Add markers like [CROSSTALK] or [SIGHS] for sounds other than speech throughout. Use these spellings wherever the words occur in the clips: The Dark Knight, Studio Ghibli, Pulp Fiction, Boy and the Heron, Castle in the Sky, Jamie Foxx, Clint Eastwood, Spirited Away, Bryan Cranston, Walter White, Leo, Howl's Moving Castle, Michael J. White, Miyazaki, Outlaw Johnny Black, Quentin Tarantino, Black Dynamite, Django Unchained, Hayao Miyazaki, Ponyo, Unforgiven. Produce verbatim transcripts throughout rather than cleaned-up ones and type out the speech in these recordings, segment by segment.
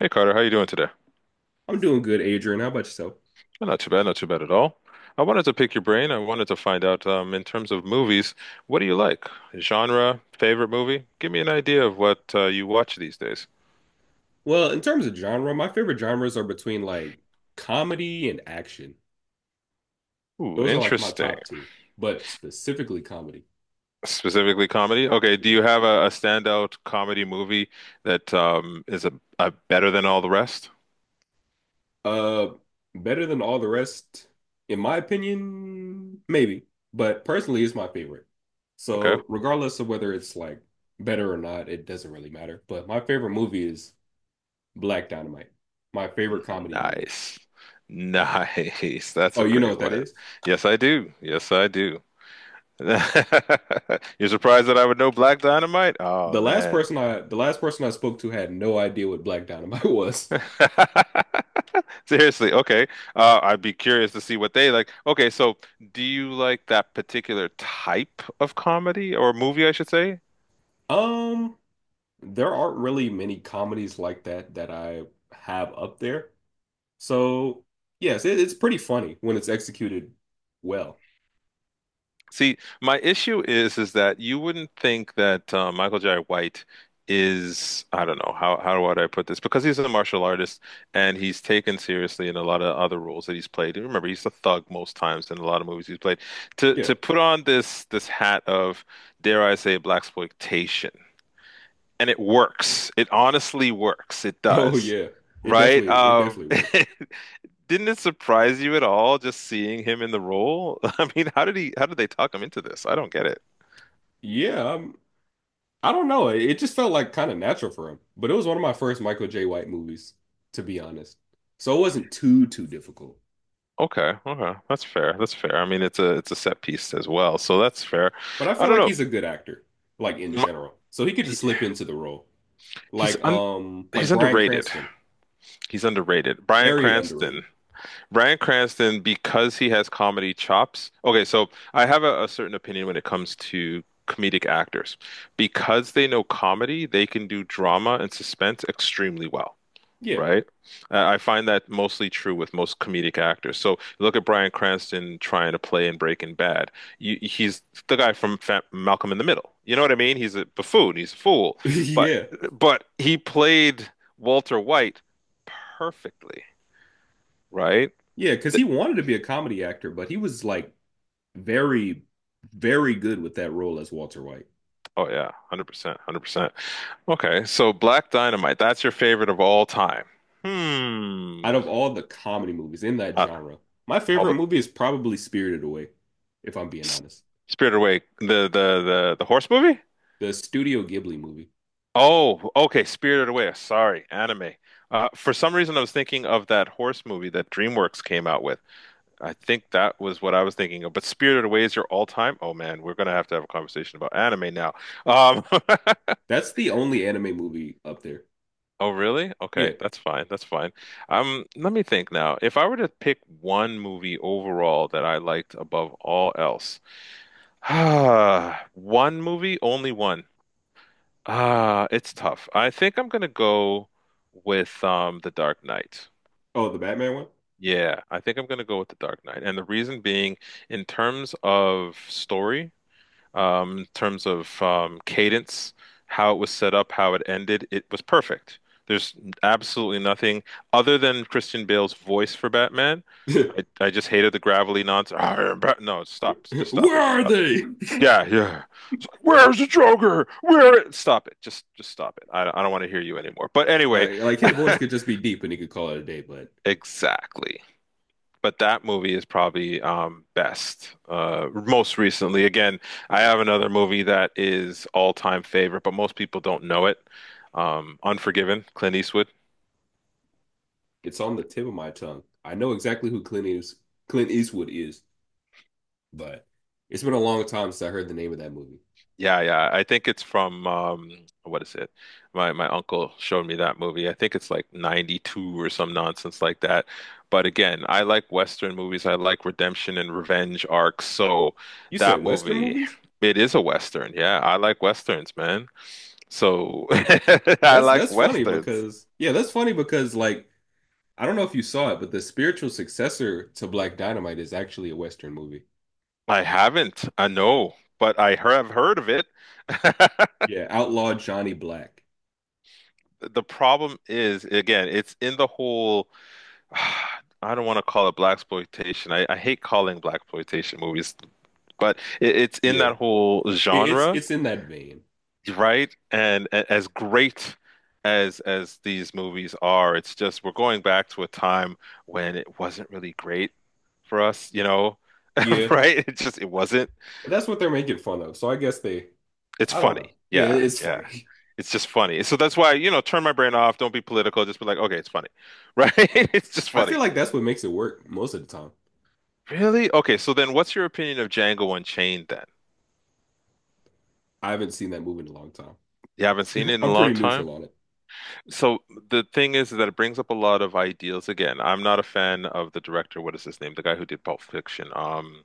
Hey Carter, how you doing today? I'm doing good, Adrian. How about yourself? Oh, not too bad, not too bad at all. I wanted to pick your brain. I wanted to find out, um, in terms of movies, what do you like? Genre, favorite movie? Give me an idea of what uh, you watch these days. Well, in terms of genre, my favorite genres are between like comedy and action. Ooh, Those are like my interesting. top two, but specifically comedy. Specifically comedy? Okay, do Yeah. you have a, a standout comedy movie that um, is a, a better than all the rest? Uh, Better than all the rest, in my opinion, maybe, but personally, it's my favorite. Okay. So, regardless of whether it's like better or not, it doesn't really matter. But my favorite movie is Black Dynamite, my favorite comedy movie. Nice. Nice. [LAUGHS] That's Oh, a you know great what that one. is? Yes, I do. Yes, I do. [LAUGHS] You're surprised that I would know Black Dynamite? Oh The last man. Person I the last person I spoke to had no idea what Black Dynamite [LAUGHS] was. [LAUGHS] Seriously, okay. Uh, I'd be curious to see what they like. Okay, so do you like that particular type of comedy or movie, I should say? Um, there aren't really many comedies like that that I have up there. So, yes, it, it's pretty funny when it's executed well. See, my issue is is that you wouldn't think that uh, Michael Jai White is, I don't know, how how would I put this, because he's a martial artist and he's taken seriously in a lot of other roles that he's played. And remember, he's a thug most times in a lot of movies he's played. To Yeah. to [LAUGHS] put on this this hat of, dare I say, black exploitation, and it works. It honestly works. It Oh does. yeah. It Right? Definitely it Um, definitely [LAUGHS] works. didn't it surprise you at all just seeing him in the role? [LAUGHS] I mean, how did he how did they talk him into this? I don't get it. Yeah, um, I don't know. It, it just felt like kind of natural for him. But it was one of my first Michael J. White movies, to be honest. So it wasn't too too difficult. Okay, okay. That's fair. That's fair. I mean, it's a it's a set piece as well, so that's fair. But I I feel don't like know. he's a good actor, like in My- general. So he could he- just slip into the role. he's Like un um like he's Bryan underrated. Cranston. He's underrated. Bryan Very underrated. Cranston. Bryan Cranston, because he has comedy chops. Okay, so I have a, a certain opinion when it comes to comedic actors. Because they know comedy, they can do drama and suspense extremely well. Yeah. Right? I I find that mostly true with most comedic actors. So look at Bryan Cranston trying to play in Breaking Bad. You, he's the guy from Fa Malcolm in the Middle. You know what I mean? He's a buffoon. He's a fool. [LAUGHS] But Yeah. but he played Walter White perfectly. Right? Yeah, because Th- he wanted to be a comedy actor, but he was like very, very good with that role as Walter White. Oh yeah, one hundred percent, one hundred percent. Okay, so Black Dynamite, that's your favorite of all time. Out Hmm. of all the comedy movies in that Uh, genre, my all favorite the movie is probably Spirited Away, if I'm being S- honest. Spirited Away, the the the the horse movie? The Studio Ghibli movie. Oh, okay, Spirited Away. Sorry, anime. Uh, for some reason, I was thinking of that horse movie that DreamWorks came out with. I think that was what I was thinking of. But Spirited Away is your all-time. Oh man, we're gonna have to have a conversation about anime now. Um, [LAUGHS] That's the only anime movie up there. oh really? Yeah. Okay, that's fine. That's fine. Um, let me think now. If I were to pick one movie overall that I liked above all else, [SIGHS] one movie, only one. Ah, it's tough. I think I'm gonna go with um The Dark Knight. Oh, the Batman Yeah, I think I'm gonna go with The Dark Knight. And the reason being, in terms of story, um, in terms of um cadence, how it was set up, how it ended, it was perfect. There's absolutely nothing other than Christian Bale's voice for Batman. one? I, I just hated the gravelly nonsense. [LAUGHS] "Arr, Bat-" No, stop. Just [LAUGHS] stop Where it. are Stop, they? [LAUGHS] yeah, yeah. It's like, where's the Joker? Where? Stop it. Just, just stop it. I, I don't want to hear you anymore. But anyway, Like like his voice could just be deep and he could call it a day, but [LAUGHS] exactly. But that movie is probably um, best. Uh, most recently, again, I have another movie that is all-time favorite, but most people don't know it. Um, Unforgiven, Clint Eastwood. it's on the tip of my tongue. I know exactly who Clint is, Clint Eastwood is, but it's been a long time since I heard the name of that movie. Yeah, yeah. I think it's from um what is it? My my uncle showed me that movie. I think it's like ninety-two or some nonsense like that. But again, I like Western movies. I like redemption and revenge arcs. So You that said Western movie, movies? it is a Western. Yeah, I like Westerns, man. So [LAUGHS] I That's like that's funny Westerns. because yeah, that's funny because like I don't know if you saw it, but the spiritual successor to Black Dynamite is actually a Western movie. I haven't, I know, but I have heard of it. [LAUGHS] Yeah, Outlaw Johnny Black. The problem is, again, it's in the whole, [SIGHS] I don't want to call it black exploitation. I, I hate calling black exploitation movies, but it, it's in Yeah. that whole It, it's genre, it's in that vein. right? And a- as great as as these movies are, it's just we're going back to a time when it wasn't really great for us, you know, Yeah. [LAUGHS] right? It just it wasn't. But that's what they're making fun of. So I guess they It's I don't know. funny. Yeah, Yeah, it's yeah. funny. It's just funny. So that's why, you know, turn my brain off, don't be political, just be like, okay, it's funny. [LAUGHS] Right? It's just I feel funny. like that's what makes it work most of the time. Really? Okay, so then what's your opinion of Django Unchained then? I haven't seen that movie in a long time. You haven't seen it in a I'm pretty long time? neutral on it. So the thing is that it brings up a lot of ideals again. I'm not a fan of the director. What is his name? The guy who did Pulp Fiction. Um,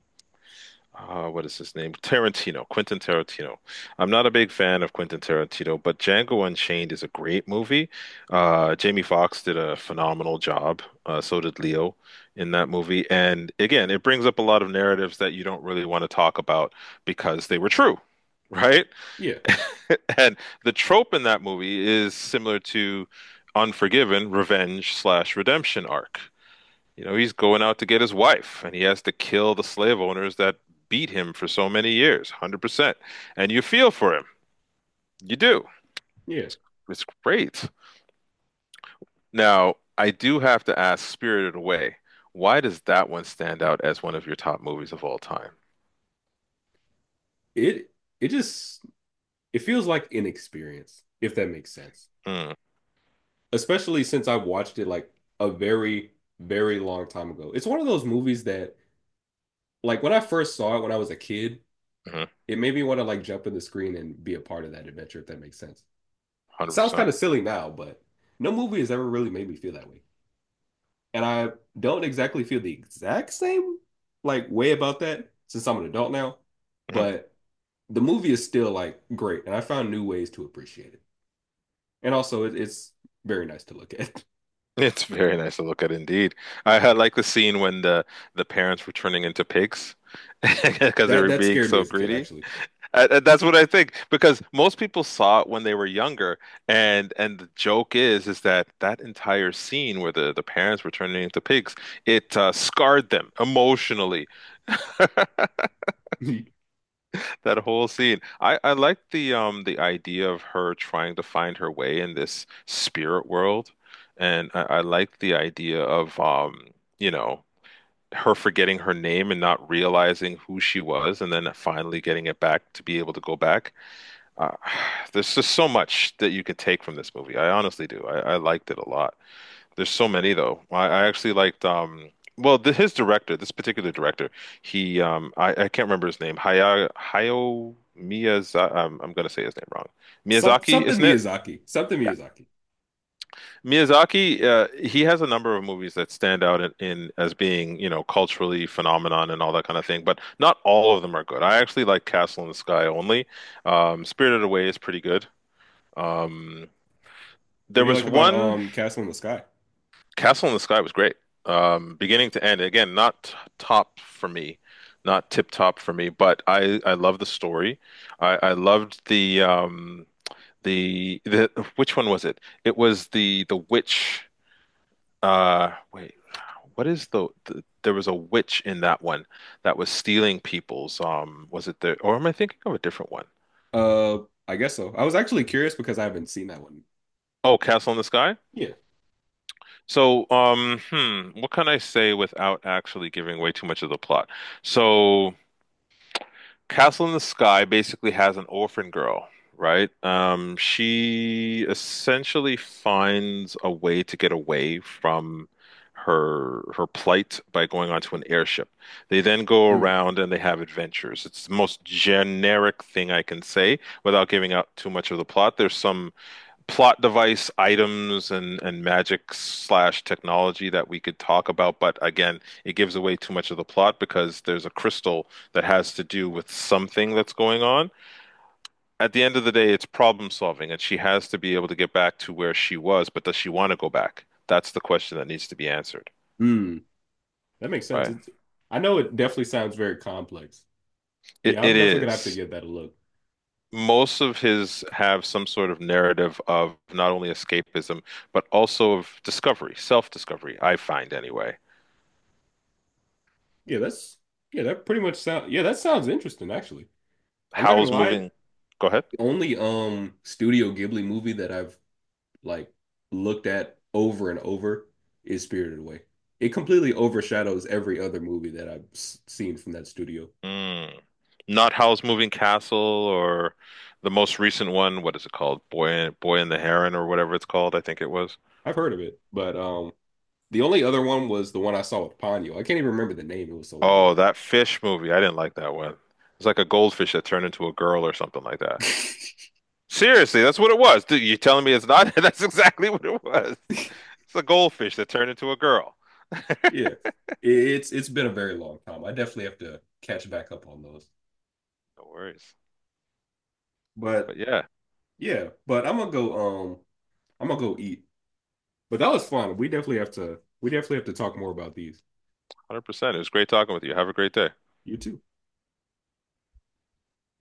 uh, what is his name? Tarantino, Quentin Tarantino. I'm not a big fan of Quentin Tarantino, but Django Unchained is a great movie. Uh, Jamie Foxx did a phenomenal job. Uh, so did Leo in that movie. And again, it brings up a lot of narratives that you don't really want to talk about because they were true, right? Yeah, [LAUGHS] And the trope in that movie is similar to Unforgiven, revenge slash redemption arc. You know, he's going out to get his wife, and he has to kill the slave owners that beat him for so many years, one hundred percent. And you feel for him. You do. yeah. It's great. Now, I do have to ask, Spirited Away, why does that one stand out as one of your top movies of all time? It it just it feels like inexperience, if that makes sense. Mm, Especially since I watched it like a very, very long time ago. It's one of those movies that like when I first saw it when I was a kid, hmm. it made me want to like jump in the screen and be a part of that adventure, if that makes sense. Sounds one hundred percent. kind of silly now, but no movie has ever really made me feel that way. And I don't exactly feel the exact same like way about that since I'm an adult now, Mhm. [LAUGHS] but the movie is still like great, and I found new ways to appreciate it. And also, it, it's very nice to look at. [LAUGHS] It's very nice to look at indeed. I, I like the scene when the the parents were turning into pigs [LAUGHS] because they That were that being scared me so as a kid, greedy. actually. I, I- that's what I think, because most people saw it when they were younger, and and the joke is is that that entire scene where the the parents were turning into pigs, it uh, scarred them emotionally. That whole scene. I I like the um the idea of her trying to find her way in this spirit world, and I, I like the idea of, um you know, her forgetting her name and not realizing who she was, and then finally getting it back to be able to go back. Uh, [SIGHS] there's just so much that you could take from this movie. I honestly do. I, I liked it a lot. There's so many though. I, I actually liked um well the, his director, this particular director, he um I, I can't remember his name. Haya Hayao Miyazaki. I'm, I'm gonna say his name wrong. [LAUGHS] Some Miyazaki, something isn't it? Miyazaki, something Yeah. Miyazaki. Miyazaki, uh, he has a number of movies that stand out in, in as being, you know, culturally phenomenon and all that kind of thing, but not all of them are good. I actually like Castle in the Sky only. Um, Spirited Away is pretty good. Um, What There do you was like about one um Castle in the Sky? Castle in the Sky was great, um, beginning to end. Again, not top for me, not tip top for me, but I I love the story. I I loved the um the the [LAUGHS] which one was it? It was the the witch. Uh, wait, what is the, the, there was a witch in that one that was stealing people's. Um, was it the or am I thinking of a different one? Uh, I guess so. I was actually curious because I haven't seen that one. Oh, Castle in the Sky? Yeah. So, um, hmm, what can I say without actually giving away too much of the plot? So, Castle in the Sky basically has an orphan girl, right? Um, she essentially finds a way to get away from her her plight by going onto an airship. They then go Mm. around and they have adventures. It's the most generic thing I can say without giving out too much of the plot. There's some plot device items and and magic slash technology that we could talk about, but again, it gives away too much of the plot because there's a crystal that has to do with something that's going on. At the end of the day, it's problem solving, and she has to be able to get back to where she was, but does she want to go back? That's the question that needs to be answered, Mm. That makes sense. right? It's, I know it definitely sounds very complex. It, Yeah, I'm it definitely gonna have to is. give that a look. Most of his have some sort of narrative of not only escapism, but also of discovery, self-discovery, I find anyway. Yeah, that's yeah, that pretty much sound yeah, that sounds interesting actually. I'm not gonna Howl's lie, Moving. the Go ahead. only um Studio Ghibli movie that I've like looked at over and over is Spirited Away. It completely overshadows every other movie that I've s- seen from that studio. Mm. Not Howl's Moving Castle or the most recent one. What is it called? Boy, Boy and the Heron or whatever it's called. I think it was. I've heard of it, but um the only other one was the one I saw with Ponyo. I can't even remember the name, it was so long Oh, ago. that fish movie. I didn't like that one. It's like a goldfish that turned into a girl or something like that. [LAUGHS] Seriously, that's what it was. Dude, you telling me it's not? [LAUGHS] That's exactly what it was. It's a goldfish that turned into a girl. [LAUGHS] Yeah. It- It's it's been a very long time. I definitely have to catch back up on those. No worries. But But yeah, yeah, but I'm gonna go um I'm gonna go eat. But that was fun. We definitely have to we definitely have to talk more about these. one hundred percent. It was great talking with you. Have a great day. You too.